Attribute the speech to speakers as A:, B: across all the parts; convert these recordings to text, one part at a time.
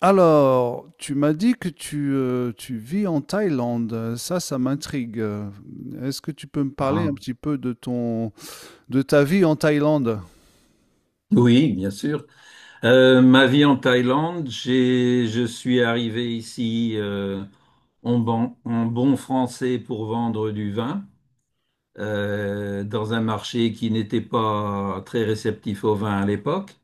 A: Alors, tu m'as dit que tu vis en Thaïlande. Ça m'intrigue. Est-ce que tu peux me parler un
B: Ah,
A: petit peu de ton, de ta vie en Thaïlande?
B: oui, bien sûr. Ma vie en Thaïlande, je suis arrivé ici en bon français pour vendre du vin dans un marché qui n'était pas très réceptif au vin à l'époque.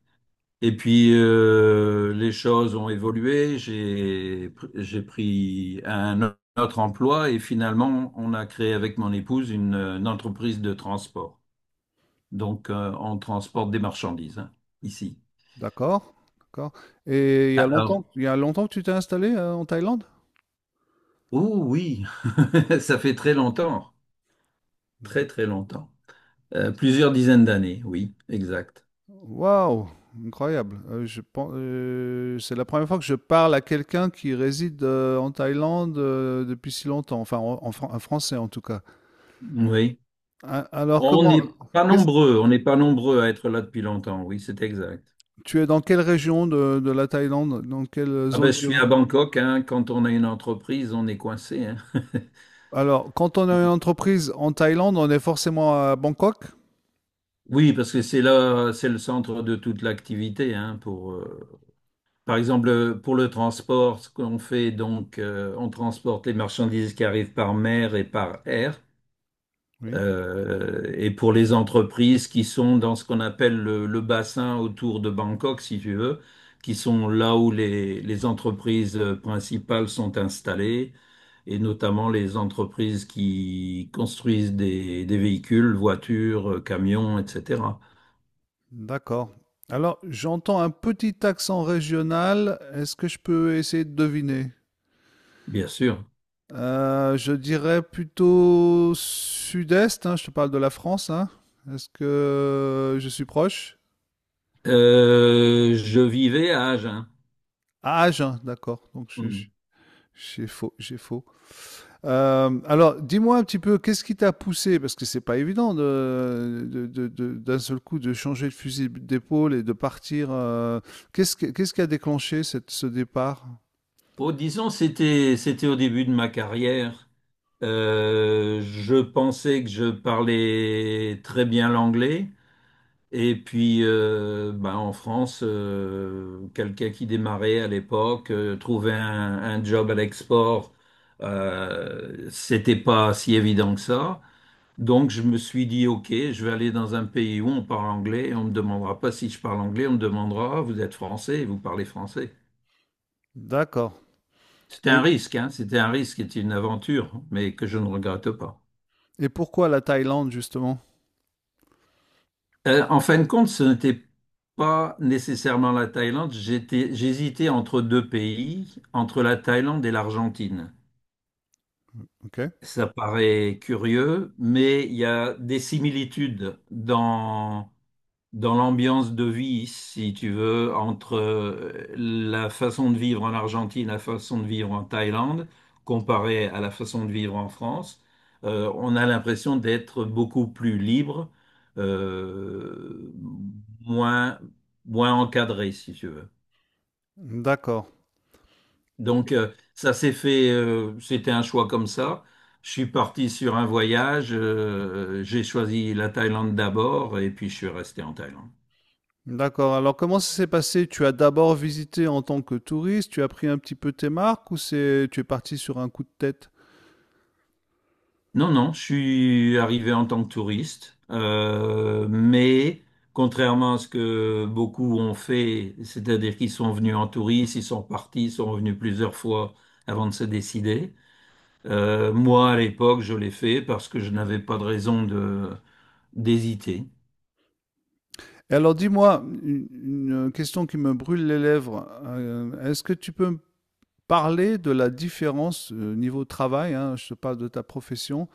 B: Et puis les choses ont évolué. J'ai pris un autre emploi et finalement on a créé avec mon épouse une entreprise de transport. Donc on transporte des marchandises, hein, ici.
A: D'accord, d'accord. Et il y a longtemps,
B: Alors,
A: il y a longtemps que tu t'es installé en Thaïlande?
B: oh oui, ça fait très longtemps, très très longtemps. Plusieurs dizaines d'années, oui, exact.
A: Waouh, incroyable. C'est la première fois que je parle à quelqu'un qui réside en Thaïlande depuis si longtemps. Enfin, un Français en tout cas.
B: Oui,
A: Alors
B: on
A: comment,
B: n'est pas nombreux, on n'est pas nombreux à être là depuis longtemps, oui, c'est exact.
A: tu es dans quelle région de la Thaïlande? Dans quelle
B: Ah ben,
A: zone
B: je suis à
A: géographique?
B: Bangkok, hein, quand on a une entreprise, on est coincé, hein.
A: Alors, quand on a une entreprise en Thaïlande, on est forcément à Bangkok?
B: Oui, parce que c'est là, c'est le centre de toute l'activité, hein, pour, par exemple, pour le transport, ce qu'on fait, donc, on transporte les marchandises qui arrivent par mer et par air.
A: Oui.
B: Et pour les entreprises qui sont dans ce qu'on appelle le bassin autour de Bangkok, si tu veux, qui sont là où les entreprises principales sont installées, et notamment les entreprises qui construisent des véhicules, voitures, camions, etc.
A: D'accord. Alors, j'entends un petit accent régional. Est-ce que je peux essayer de deviner?
B: Bien sûr.
A: Je dirais plutôt sud-est, hein, je te parle de la France, hein. Est-ce que je suis proche?
B: Je vivais à Agen.
A: Ah, Agen, d'accord. Donc,
B: Hmm.
A: j'ai faux, j'ai faux. Alors, dis-moi un petit peu, qu'est-ce qui t'a poussé, parce que c'est pas évident d'un seul coup de changer de fusil d'épaule et de partir. Qu'est-ce qui a déclenché ce départ?
B: Oh, disons, c'était au début de ma carrière. Je pensais que je parlais très bien l'anglais. Et puis, ben, en France, quelqu'un qui démarrait à l'époque, un job à l'export, c'était pas si évident que ça. Donc, je me suis dit, OK, je vais aller dans un pays où on parle anglais et on me demandera pas si je parle anglais, on me demandera, vous êtes français, vous parlez français.
A: D'accord.
B: C'était un
A: Et,
B: risque, hein. C'était un risque et une aventure, mais que je ne regrette pas.
A: et pourquoi la Thaïlande, justement?
B: En fin de compte, ce n'était pas nécessairement la Thaïlande. J'hésitais entre deux pays, entre la Thaïlande et l'Argentine.
A: Ok.
B: Ça paraît curieux, mais il y a des similitudes dans l'ambiance de vie, si tu veux, entre la façon de vivre en Argentine, la façon de vivre en Thaïlande, comparée à la façon de vivre en France, on a l'impression d'être beaucoup plus libre, euh, moins, moins encadré, si tu veux.
A: D'accord.
B: Donc, ça s'est fait, c'était un choix comme ça. Je suis parti sur un voyage, j'ai choisi la Thaïlande d'abord et puis je suis resté en Thaïlande.
A: D'accord. Alors, comment ça s'est passé? Tu as d'abord visité en tant que touriste, tu as pris un petit peu tes marques ou, tu es parti sur un coup de tête?
B: Non, non, je suis arrivé en tant que touriste, mais contrairement à ce que beaucoup ont fait, c'est-à-dire qu'ils sont venus en touriste, ils sont partis, ils sont revenus plusieurs fois avant de se décider. Moi, à l'époque, je l'ai fait parce que je n'avais pas de raison de d'hésiter.
A: Et alors, dis-moi, une question qui me brûle les lèvres. Est-ce que tu peux parler de la différence niveau travail, hein, je te parle de ta profession,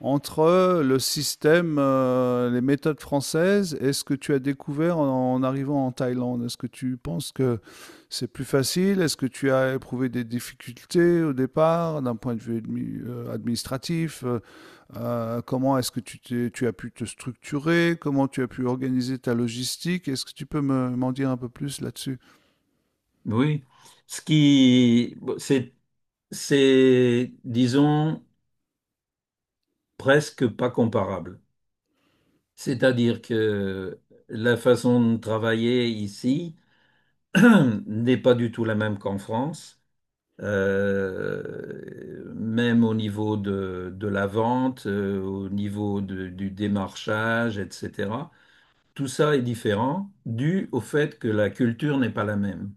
A: entre le système, les méthodes françaises et ce que tu as découvert en arrivant en Thaïlande. Est-ce que tu penses que c'est plus facile? Est-ce que tu as éprouvé des difficultés au départ d'un point de vue administratif? Comment est-ce que tu as pu te structurer? Comment tu as pu organiser ta logistique? Est-ce que tu peux m'en dire un peu plus là-dessus?
B: Oui, ce qui, bon, c'est, disons, presque pas comparable. C'est-à-dire que la façon de travailler ici n'est pas du tout la même qu'en France. Même au niveau de la vente, au niveau de- du démarchage, etc. Tout ça est différent dû au fait que la culture n'est pas la même.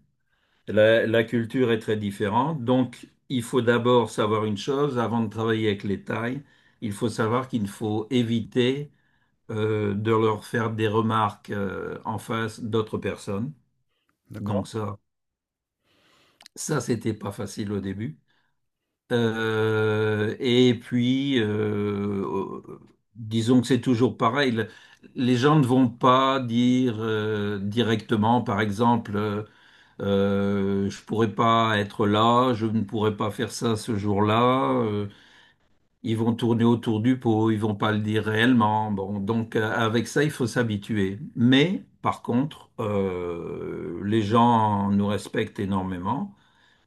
B: La culture est très différente, donc il faut d'abord savoir une chose, avant de travailler avec les tailles, il faut savoir qu'il faut éviter de leur faire des remarques en face d'autres personnes. Donc
A: D'accord.
B: ça, Ça, c'était pas facile au début. Et puis, disons que c'est toujours pareil. Les gens ne vont pas dire directement, par exemple, je pourrais pas être là, je ne pourrais pas faire ça ce jour-là. Ils vont tourner autour du pot, ils vont pas le dire réellement. Bon, donc avec ça, il faut s'habituer. Mais par contre, les gens nous respectent énormément.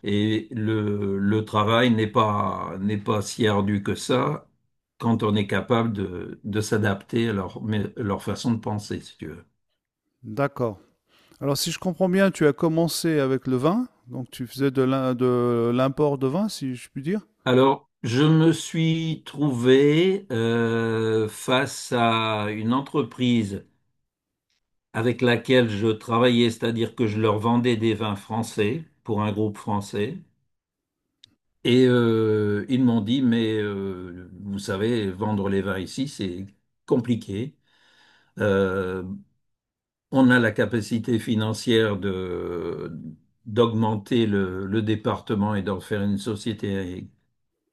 B: Et le travail n'est pas si ardu que ça quand on est capable de s'adapter à leur façon de penser, si tu veux.
A: D'accord. Alors, si je comprends bien, tu as commencé avec le vin, donc tu faisais de l'import de vin, si je puis dire.
B: Alors, je me suis trouvé face à une entreprise avec laquelle je travaillais, c'est-à-dire que je leur vendais des vins français pour un groupe français. Et ils m'ont dit, mais vous savez, vendre les vins ici, c'est compliqué. Euh, on a la capacité financière de d'augmenter le département et d'en faire une société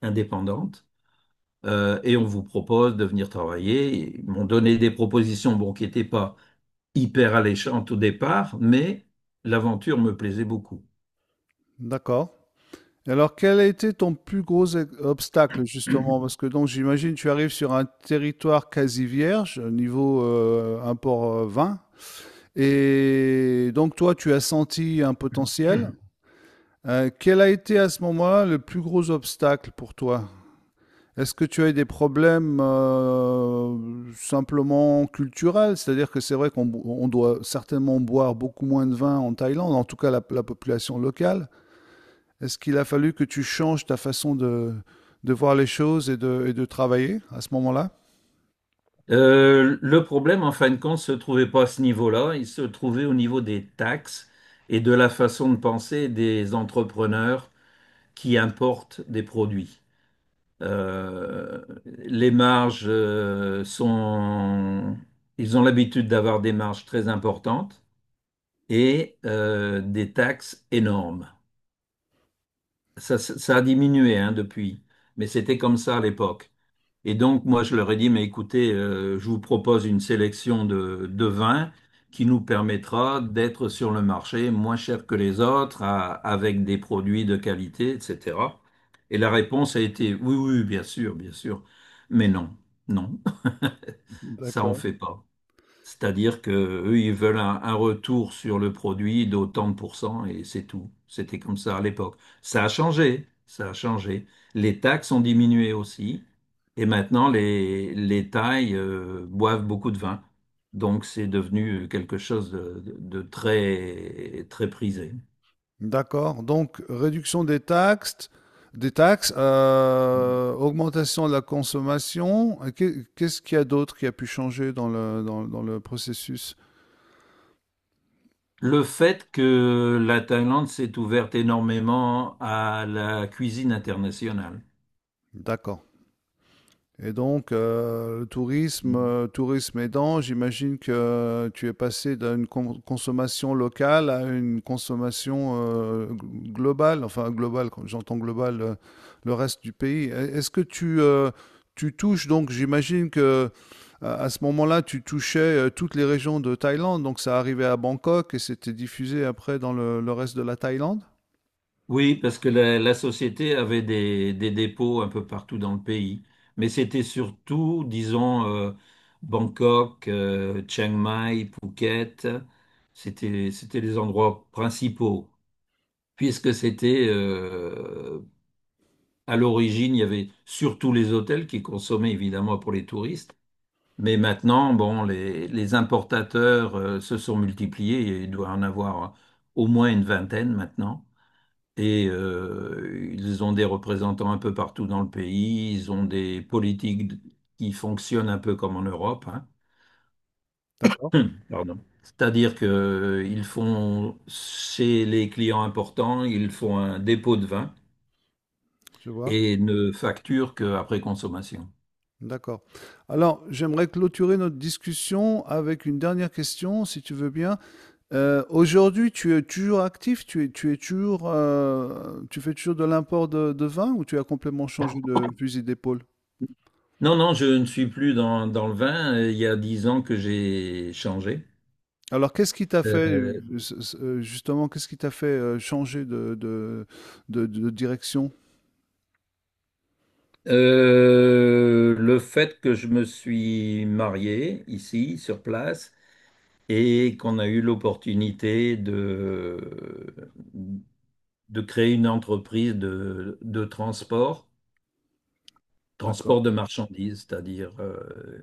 B: indépendante. Et on vous propose de venir travailler. Ils m'ont donné des propositions bon, qui n'étaient pas hyper alléchantes au départ, mais l'aventure me plaisait beaucoup.
A: D'accord. Et alors, quel a été ton plus gros obstacle, justement? Parce que donc, j'imagine, tu arrives sur un territoire quasi vierge niveau import vin, et donc toi, tu as senti un potentiel. Quel a été à ce moment-là le plus gros obstacle pour toi? Est-ce que tu as eu des problèmes simplement culturels? C'est-à-dire que c'est vrai qu'on bo- on doit certainement boire beaucoup moins de vin en Thaïlande, en tout cas la population locale. Est-ce qu'il a fallu que tu changes ta façon de voir les choses et et de travailler à ce moment-là?
B: Le problème, en fin de compte, ne se trouvait pas à ce niveau-là, il se trouvait au niveau des taxes et de la façon de penser des entrepreneurs qui importent des produits. Les marges ils ont l'habitude d'avoir des marges très importantes et des taxes énormes. Ça a diminué, hein, depuis, mais c'était comme ça à l'époque. Et donc, moi, je leur ai dit, mais écoutez, je vous propose une sélection de vins qui nous permettra d'être sur le marché moins cher que les autres, à- avec des produits de qualité, etc. Et la réponse a été, oui, oui, bien sûr, mais non, non, ça on
A: D'accord.
B: fait pas. C'est-à-dire que eux, ils veulent un retour sur le produit d'autant de pourcents et c'est tout. C'était comme ça à l'époque. Ça a changé, ça a changé. Les taxes ont diminué aussi et maintenant les Thaïs boivent beaucoup de vin. Donc c'est devenu quelque chose de très, très prisé.
A: D'accord. Donc, réduction des taxes, augmentation de la consommation. Et qu'est-ce qu'il y a d'autre qui a pu changer dans le, dans le processus?
B: Le fait que la Thaïlande s'est ouverte énormément à la cuisine internationale.
A: D'accord. Et donc, le tourisme, tourisme aidant, j'imagine que tu es passé d'une consommation locale à une consommation globale, enfin globale, quand j'entends globale, le reste du pays. Est-ce que tu, tu touches, donc j'imagine que à ce moment-là, tu touchais toutes les régions de Thaïlande, donc ça arrivait à Bangkok et c'était diffusé après dans le reste de la Thaïlande?
B: Oui, parce que la société avait des dépôts un peu partout dans le pays. Mais c'était surtout, disons, Bangkok, Chiang Mai, Phuket. C'était les endroits principaux. Puisque c'était, à l'origine, il y avait surtout les hôtels qui consommaient évidemment pour les touristes. Mais maintenant, bon, les importateurs, se sont multipliés. Il doit en avoir au moins une vingtaine maintenant. Et ils ont des représentants un peu partout dans le pays, ils ont des politiques qui fonctionnent un peu comme en Europe, hein.
A: D'accord,
B: Pardon. C'est-à-dire qu'ils font, chez les clients importants, ils font un dépôt de vin
A: je vois.
B: et ne facturent qu'après consommation.
A: D'accord. Alors, j'aimerais clôturer notre discussion avec une dernière question, si tu veux bien. Aujourd'hui, tu es toujours actif, tu es toujours, tu fais toujours de l'import de vin ou tu as complètement changé de fusil d'épaule?
B: Non, non, je ne suis plus dans le vin. Il y a 10 ans que j'ai changé.
A: Alors, qu'est-ce qui t'a fait,
B: Euh,
A: justement, qu'est-ce qui t'a fait changer de direction?
B: le fait que je me suis marié ici, sur place, et qu'on a eu l'opportunité de créer une entreprise de transport,
A: D'accord.
B: transport de marchandises, c'est-à-dire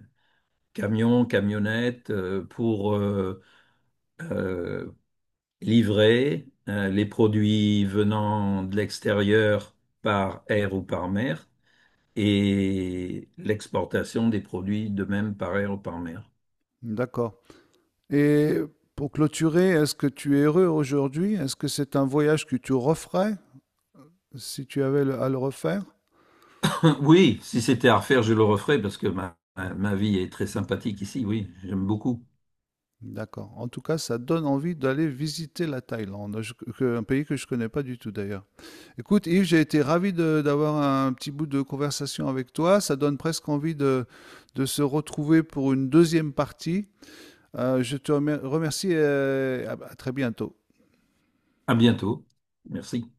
B: camions, camionnettes pour euh, livrer les produits venant de l'extérieur par air ou par mer et l'exportation des produits de même par air ou par mer.
A: D'accord. Et pour clôturer, est-ce que tu es heureux aujourd'hui? Est-ce que c'est un voyage que tu referais si tu avais à le refaire?
B: Oui, si c'était à refaire, je le referais parce que ma vie est très sympathique ici. Oui, j'aime beaucoup.
A: D'accord. En tout cas, ça donne envie d'aller visiter la Thaïlande, un pays que je connais pas du tout d'ailleurs. Écoute, Yves, j'ai été ravi d'avoir un petit bout de conversation avec toi. Ça donne presque envie de se retrouver pour une deuxième partie. Je te remercie et à très bientôt.
B: À bientôt. Merci.